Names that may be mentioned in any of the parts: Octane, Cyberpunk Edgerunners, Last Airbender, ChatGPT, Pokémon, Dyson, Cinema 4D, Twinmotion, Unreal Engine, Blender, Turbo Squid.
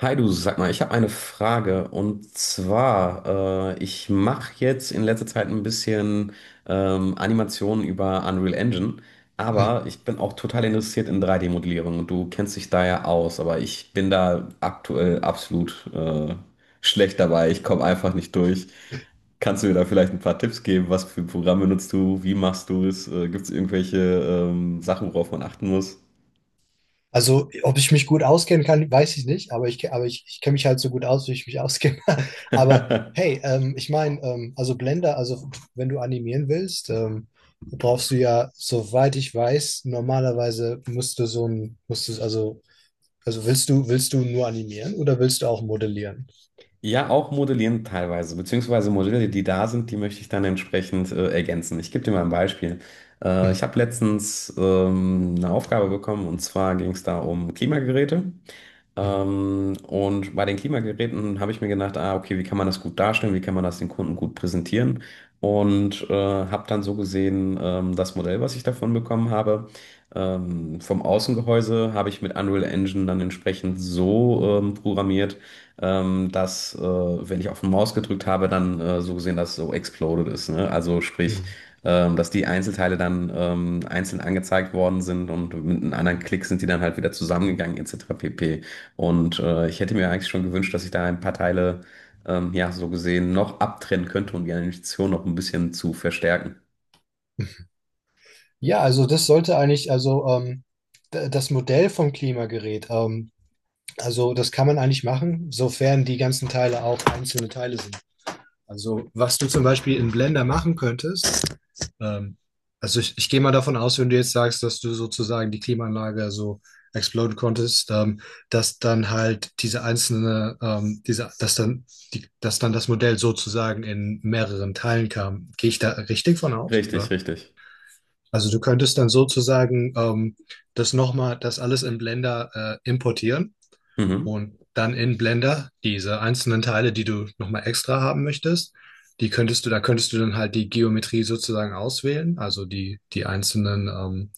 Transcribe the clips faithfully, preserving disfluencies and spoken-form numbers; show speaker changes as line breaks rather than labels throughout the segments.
Hi du, sag mal, ich habe eine Frage und zwar, äh, ich mache jetzt in letzter Zeit ein bisschen ähm, Animationen über Unreal Engine,
Hm.
aber ich bin auch total interessiert in drei D-Modellierung und du kennst dich da ja aus, aber ich bin da aktuell absolut äh, schlecht dabei, ich komme einfach nicht durch. Kannst du mir da vielleicht ein paar Tipps geben, was für Programme nutzt du, wie machst du es, äh, gibt es irgendwelche ähm, Sachen, worauf man achten muss?
Also, ob ich mich gut auskennen kann, weiß ich nicht, aber ich, aber ich, ich kenne mich halt so gut aus, wie ich mich auskenne. Aber hey, ähm, ich meine, ähm, also Blender, also wenn du animieren willst, ähm, brauchst du ja, soweit ich weiß, normalerweise musst du so ein, musst du, also, also willst du, willst du nur animieren oder willst du auch modellieren?
Ja, auch modellieren teilweise, beziehungsweise Modelle, die da sind, die möchte ich dann entsprechend äh, ergänzen. Ich gebe dir mal ein Beispiel. Äh,
Mhm.
ich habe letztens ähm, eine Aufgabe bekommen und zwar ging es da um Klimageräte.
Mhm.
Ähm, und bei den Klimageräten habe ich mir gedacht, ah, okay, wie kann man das gut darstellen, wie kann man das den Kunden gut präsentieren? Und äh, habe dann so gesehen, ähm, das Modell, was ich davon bekommen habe, ähm, vom Außengehäuse habe ich mit Unreal Engine dann entsprechend so ähm, programmiert, ähm, dass, äh, wenn ich auf die Maus gedrückt habe, dann äh, so gesehen, dass es so exploded ist. Ne? Also sprich,
Mhm.
ähm, dass die Einzelteile dann ähm, einzeln angezeigt worden sind und mit einem anderen Klick sind die dann halt wieder zusammengegangen, et cetera pp. Und äh, ich hätte mir eigentlich schon gewünscht, dass ich da ein paar Teile, ähm, ja, so gesehen, noch abtrennen könnte, um die Animation noch ein bisschen zu verstärken.
Ja, also das sollte eigentlich, also ähm, d- das Modell vom Klimagerät, ähm, also das kann man eigentlich machen, sofern die ganzen Teile auch einzelne Teile sind. Also, was du zum Beispiel in Blender machen könntest, ähm, also ich, ich gehe mal davon aus, wenn du jetzt sagst, dass du sozusagen die Klimaanlage so exploden konntest, ähm, dass dann halt diese einzelne, ähm, diese, dass dann die, dass dann das Modell sozusagen in mehreren Teilen kam. Gehe ich da richtig von aus,
Richtig,
oder?
richtig.
Also du könntest dann sozusagen ähm, das nochmal, das alles in Blender äh, importieren
Mhm.
und dann in Blender diese einzelnen Teile, die du nochmal extra haben möchtest, die könntest du, da könntest du dann halt die Geometrie sozusagen auswählen, also die, die einzelnen ähm,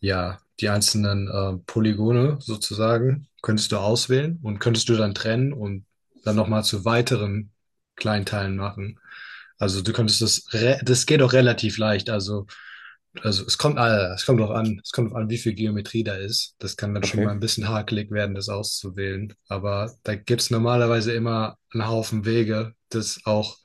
ja, die einzelnen äh, Polygone sozusagen könntest du auswählen und könntest du dann trennen und dann nochmal zu weiteren Kleinteilen machen. Also du könntest das, re- Das geht auch relativ leicht. Also, also es kommt, äh, es kommt auch an, es kommt auch an, wie viel Geometrie da ist. Das kann dann schon mal ein
Okay.
bisschen hakelig werden, das auszuwählen. Aber da gibt's normalerweise immer einen Haufen Wege, das auch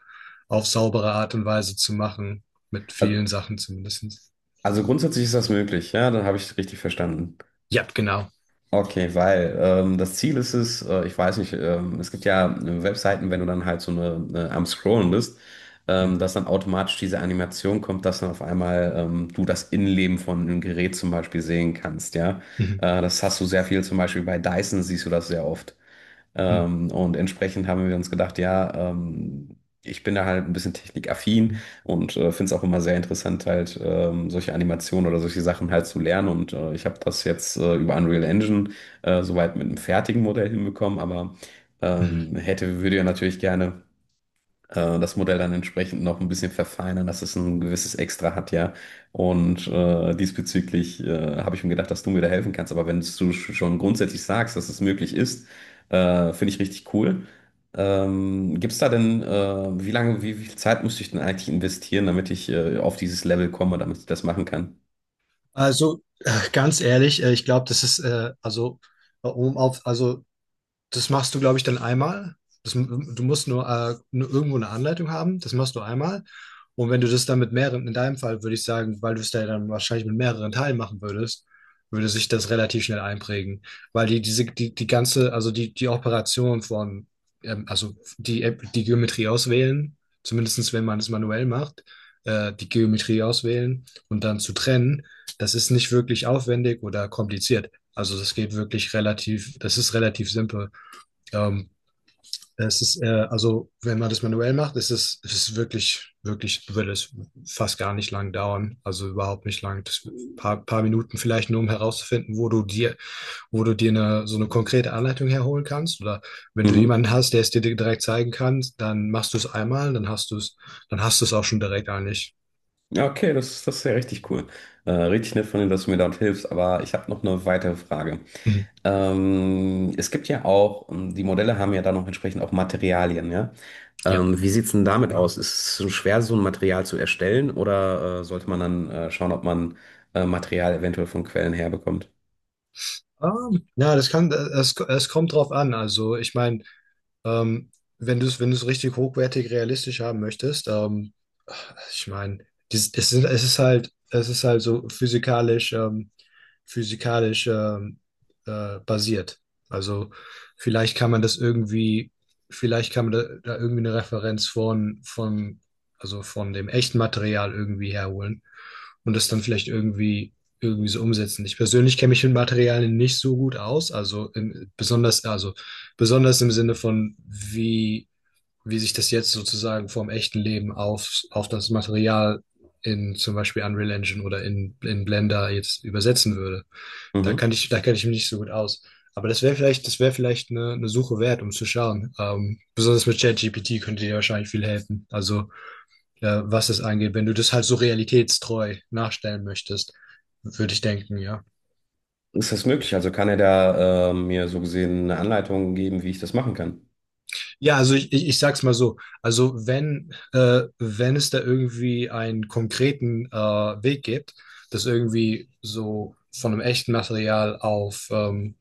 auf saubere Art und Weise zu machen. Mit vielen
Al-
Sachen zumindest.
Also grundsätzlich ist das möglich, ja, dann habe ich richtig verstanden.
Ja, genau.
Okay, weil ähm, das Ziel ist es, äh, ich weiß nicht, ähm, es gibt ja äh, Webseiten, wenn du dann halt so eine, eine am Scrollen bist, ähm,
Mhm.
dass dann automatisch diese Animation kommt, dass dann auf einmal ähm, du das Innenleben von einem Gerät zum Beispiel sehen kannst, ja.
Mhm.
Äh, das hast du sehr viel, zum Beispiel bei Dyson siehst du das sehr oft.
Mhm.
Ähm, und entsprechend haben wir uns gedacht, ja, ähm, ich bin da halt ein bisschen technikaffin und äh, finde es auch immer sehr interessant, halt ähm, solche Animationen oder solche Sachen halt zu lernen. Und äh, ich habe das jetzt äh, über Unreal Engine äh, soweit mit einem fertigen Modell hinbekommen, aber
Mhm.
ähm, hätte, würde ja natürlich gerne äh, das Modell dann entsprechend noch ein bisschen verfeinern, dass es ein gewisses Extra hat, ja. Und äh, diesbezüglich äh, habe ich mir gedacht, dass du mir da helfen kannst. Aber wenn du sch- schon grundsätzlich sagst, dass es möglich ist, äh, finde ich richtig cool. Ähm, gibt es da denn, äh, wie lange, wie, wie viel Zeit müsste ich denn eigentlich investieren, damit ich äh, auf dieses Level komme, damit ich das machen kann?
Also äh, ganz ehrlich, äh, ich glaube, das ist äh, also äh, um auf also das machst du, glaube ich, dann einmal. Das, du musst nur, äh, nur irgendwo eine Anleitung haben. Das machst du einmal. Und wenn du das dann mit mehreren, in deinem Fall würde ich sagen, weil du es da dann wahrscheinlich mit mehreren Teilen machen würdest, würde sich das relativ schnell einprägen. Weil die, diese, die, die ganze, also die, die Operation von, ähm, also die, App- die Geometrie auswählen, zumindest wenn man es manuell macht, äh, die Geometrie auswählen und dann zu trennen, das ist nicht wirklich aufwendig oder kompliziert. Also das geht wirklich relativ, das ist relativ simpel. Ähm, es ist, äh, also, wenn man das manuell macht, ist es, es ist wirklich, wirklich, würde es fast gar nicht lang dauern. Also überhaupt nicht lang. Das paar, paar Minuten vielleicht nur, um herauszufinden, wo du dir, wo du dir eine, so eine konkrete Anleitung herholen kannst. Oder wenn du
Mhm.
jemanden hast, der es dir direkt zeigen kann, dann machst du es einmal, dann hast du es, dann hast du es auch schon direkt eigentlich.
Ja, okay, das, das ist ja richtig cool. Äh, richtig nett von dir, dass du mir dort hilfst, aber ich habe noch eine weitere Frage.
Mhm.
Ähm, es gibt ja auch, ähm, die Modelle haben ja dann auch entsprechend auch Materialien, ja.
Ja.
Ähm, wie sieht's denn damit aus? Ist es so schwer, so ein Material zu erstellen oder äh, sollte man dann äh, schauen, ob man äh, Material eventuell von Quellen herbekommt?
Ähm, Ja, das kann, es, es kommt drauf an. Also, ich meine, Ähm, wenn du es, wenn du es richtig hochwertig realistisch haben möchtest, ähm, ich meine, dies- es ist, es ist halt, es ist halt so physikalisch, ähm, physikalisch ähm, äh, basiert. Also vielleicht kann man das irgendwie, vielleicht kann man da, da irgendwie eine Referenz von, von, also von dem echten Material irgendwie herholen und das dann vielleicht irgendwie irgendwie so umsetzen. Ich persönlich kenne mich mit Materialien nicht so gut aus, also in, besonders also besonders im Sinne von, wie, wie sich das jetzt sozusagen vom echten Leben auf, auf das Material in zum Beispiel Unreal Engine oder in, in Blender jetzt übersetzen würde. Da kann
Mhm.
ich, da kenne ich mich nicht so gut aus. Aber das wäre vielleicht, das wäre vielleicht eine, eine Suche wert, um zu schauen. Ähm, besonders mit ChatGPT könnte dir wahrscheinlich viel helfen. Also, äh, was das angeht, wenn du das halt so realitätstreu nachstellen möchtest, würde ich denken, ja.
Ist das möglich? Also kann er da äh, mir so gesehen eine Anleitung geben, wie ich das machen kann?
Ja, also ich, ich, ich sag's mal so. Also wenn, äh, wenn es da irgendwie einen konkreten äh, Weg gibt, das irgendwie so von einem echten Material auf ähm,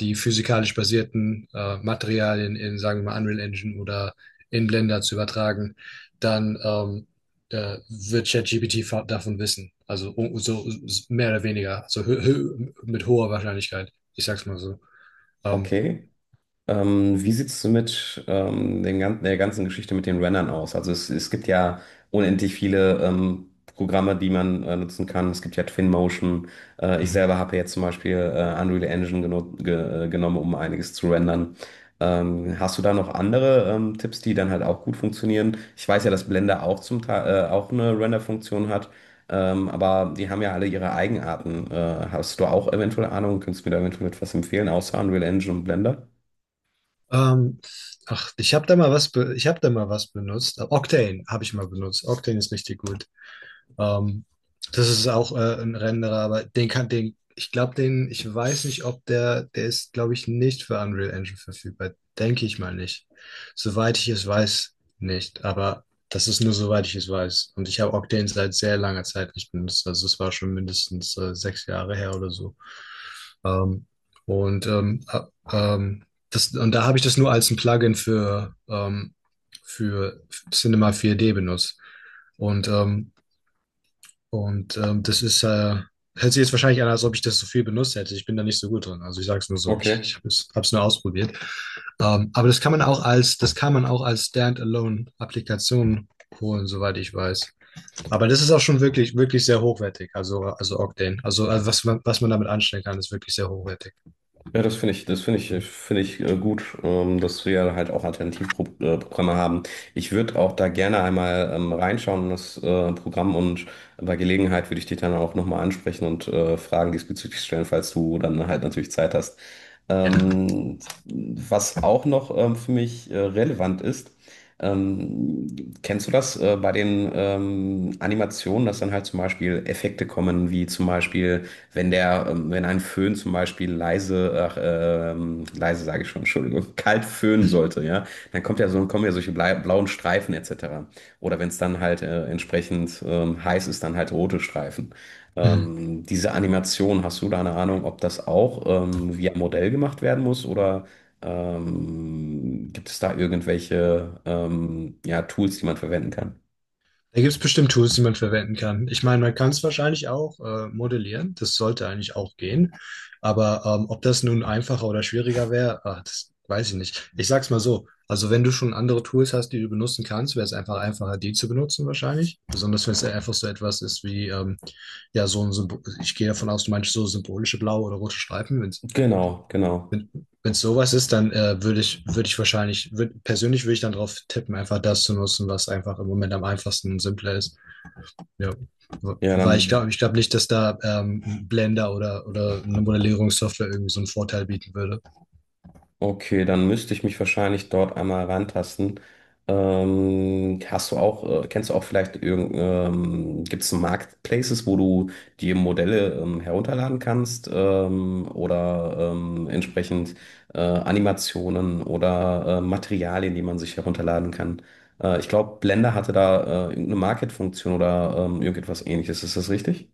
die physikalisch basierten äh, Materialien in, sagen wir mal, Unreal Engine oder in Blender zu übertragen, dann ähm, äh, wird ChatGPT fa- davon wissen. Also um, so so mehr oder weniger, so hö hö mit hoher Wahrscheinlichkeit. Ich sag's mal so. Ähm.
Okay. Ähm, wie sieht's mit ähm, den ganzen, der ganzen Geschichte mit den Rennern aus? Also es, es gibt ja unendlich viele ähm, Programme, die man äh, nutzen kann. Es gibt ja Twinmotion. Äh, ich selber habe jetzt zum Beispiel äh, Unreal Engine geno ge äh, genommen, um einiges zu rendern. Ähm, hast du da noch andere ähm, Tipps, die dann halt auch gut funktionieren? Ich weiß ja, dass Blender auch zum Teil äh, auch eine Render-Funktion hat, ähm, aber die haben ja alle ihre Eigenarten. Äh, hast du auch eventuell Ahnung? Könntest du mir da eventuell etwas empfehlen, außer Unreal Engine und Blender?
Ähm, ach, ich habe da mal was, be ich habe da mal was benutzt. Octane habe ich mal benutzt. Octane ist richtig gut. Ähm, das ist auch äh, ein Renderer, aber den kann den, ich glaube, den, ich weiß nicht, ob der, der ist, glaube ich, nicht für Unreal Engine verfügbar. Denke ich mal nicht. Soweit ich es weiß, nicht. Aber das ist nur soweit ich es weiß. Und ich habe Octane seit sehr langer Zeit nicht benutzt. Also es war schon mindestens äh, sechs Jahre her oder so. Ähm, und ähm, äh, ähm, das, und da habe ich das nur als ein Plugin für, ähm, für Cinema vier D benutzt. Und ähm, und ähm, das ist, äh, Hört sich jetzt wahrscheinlich an, als ob ich das so viel benutzt hätte. Ich bin da nicht so gut drin. Also ich sage es nur so, ich, ich
Okay.
habe es hab's nur ausprobiert. Ähm, aber das kann man auch als, das kann man auch als Standalone-Applikation holen, soweit ich weiß. Aber das ist auch schon wirklich, wirklich sehr hochwertig. Also, also Octane. Also, also was man, was man damit anstellen kann, ist wirklich sehr hochwertig.
Ja, das finde ich, das finde ich, finde ich äh, gut, ähm, dass wir halt auch Alternativprogramme haben. Ich würde auch da gerne einmal ähm, reinschauen in das äh, Programm und bei Gelegenheit würde ich dich dann auch nochmal ansprechen und äh, Fragen diesbezüglich stellen, falls du dann halt natürlich Zeit hast.
Genau.
Ähm, was auch noch ähm, für mich äh, relevant ist, ähm, kennst du das äh, bei den ähm, Animationen, dass dann halt zum Beispiel Effekte kommen, wie zum Beispiel wenn der, ähm, wenn ein Föhn zum Beispiel leise, ach, ähm, leise sage ich schon, Entschuldigung, kalt föhnen sollte, ja, dann kommt ja so, kommen ja solche blei- blauen Streifen et cetera. Oder wenn es dann halt äh, entsprechend ähm, heiß ist, dann halt rote Streifen.
Mhm.
Ähm, diese Animation, hast du da eine Ahnung, ob das auch ähm, via Modell gemacht werden muss oder ähm, gibt es da irgendwelche ähm, ja, Tools, die man verwenden kann?
Da gibt es bestimmt Tools, die man verwenden kann. Ich meine, man kann es wahrscheinlich auch äh, modellieren. Das sollte eigentlich auch gehen. Aber ähm, ob das nun einfacher oder schwieriger wäre, ah, das weiß ich nicht. Ich sag's mal so. Also wenn du schon andere Tools hast, die du benutzen kannst, wäre es einfach einfacher, die zu benutzen wahrscheinlich. Besonders wenn es ja einfach so etwas ist wie, ähm, ja, so ein Symbol. Ich gehe davon aus, du meinst so symbolische blaue oder rote Streifen. Wenn's,
Genau, genau.
wenn wenn es sowas ist, dann äh, würde ich, würde ich wahrscheinlich, würd, persönlich würde ich dann drauf tippen, einfach das zu nutzen, was einfach im Moment am einfachsten und simpler ist. Ja.
Ja,
Weil ich
dann.
glaube, ich glaube nicht, dass da ähm, Blender oder, oder eine Modellierungssoftware irgendwie so einen Vorteil bieten würde.
Okay, dann müsste ich mich wahrscheinlich dort einmal rantasten. Ähm, hast du auch, äh, kennst du auch vielleicht irgend, ähm, gibt es Marketplaces, wo du die Modelle ähm, herunterladen kannst ähm, oder ähm, entsprechend äh, Animationen oder äh, Materialien, die man sich herunterladen kann? Äh, ich glaube, Blender hatte da äh, irgendeine Market-Funktion oder ähm, irgendetwas ähnliches. Ist das richtig?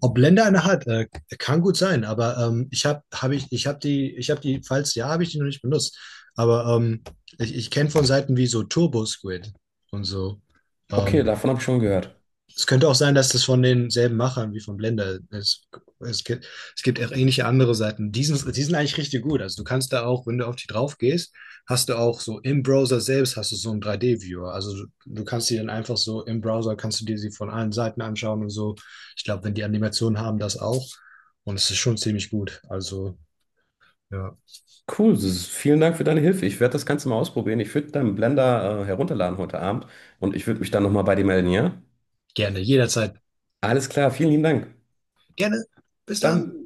Ob Blender eine hat, äh, kann gut sein, aber ähm, ich habe hab ich, ich hab die, ich habe die, falls ja, habe ich die noch nicht benutzt. Aber ähm, ich, ich kenne von Seiten wie so Turbo Squid und so.
Okay,
Ähm.
davon habe ich schon gehört.
Es könnte auch sein, dass das von denselben Machern wie von Blender ist. Es gibt, es gibt auch ähnliche andere Seiten. Die sind, die sind eigentlich richtig gut. Also du kannst da auch, wenn du auf die drauf gehst, hast du auch so im Browser selbst hast du so einen drei D-Viewer. Also du, du kannst die dann einfach so im Browser, kannst du dir sie von allen Seiten anschauen und so. Ich glaube, wenn die Animationen haben, das auch. Und es ist schon ziemlich gut. Also ja,
Cool, das ist, vielen Dank für deine Hilfe. Ich werde das Ganze mal ausprobieren. Ich würde deinen Blender äh, herunterladen heute Abend und ich würde mich dann nochmal bei dir melden, ja?
gerne, jederzeit.
Alles klar, vielen lieben Dank.
Gerne.
Bis
Bis dann.
dann.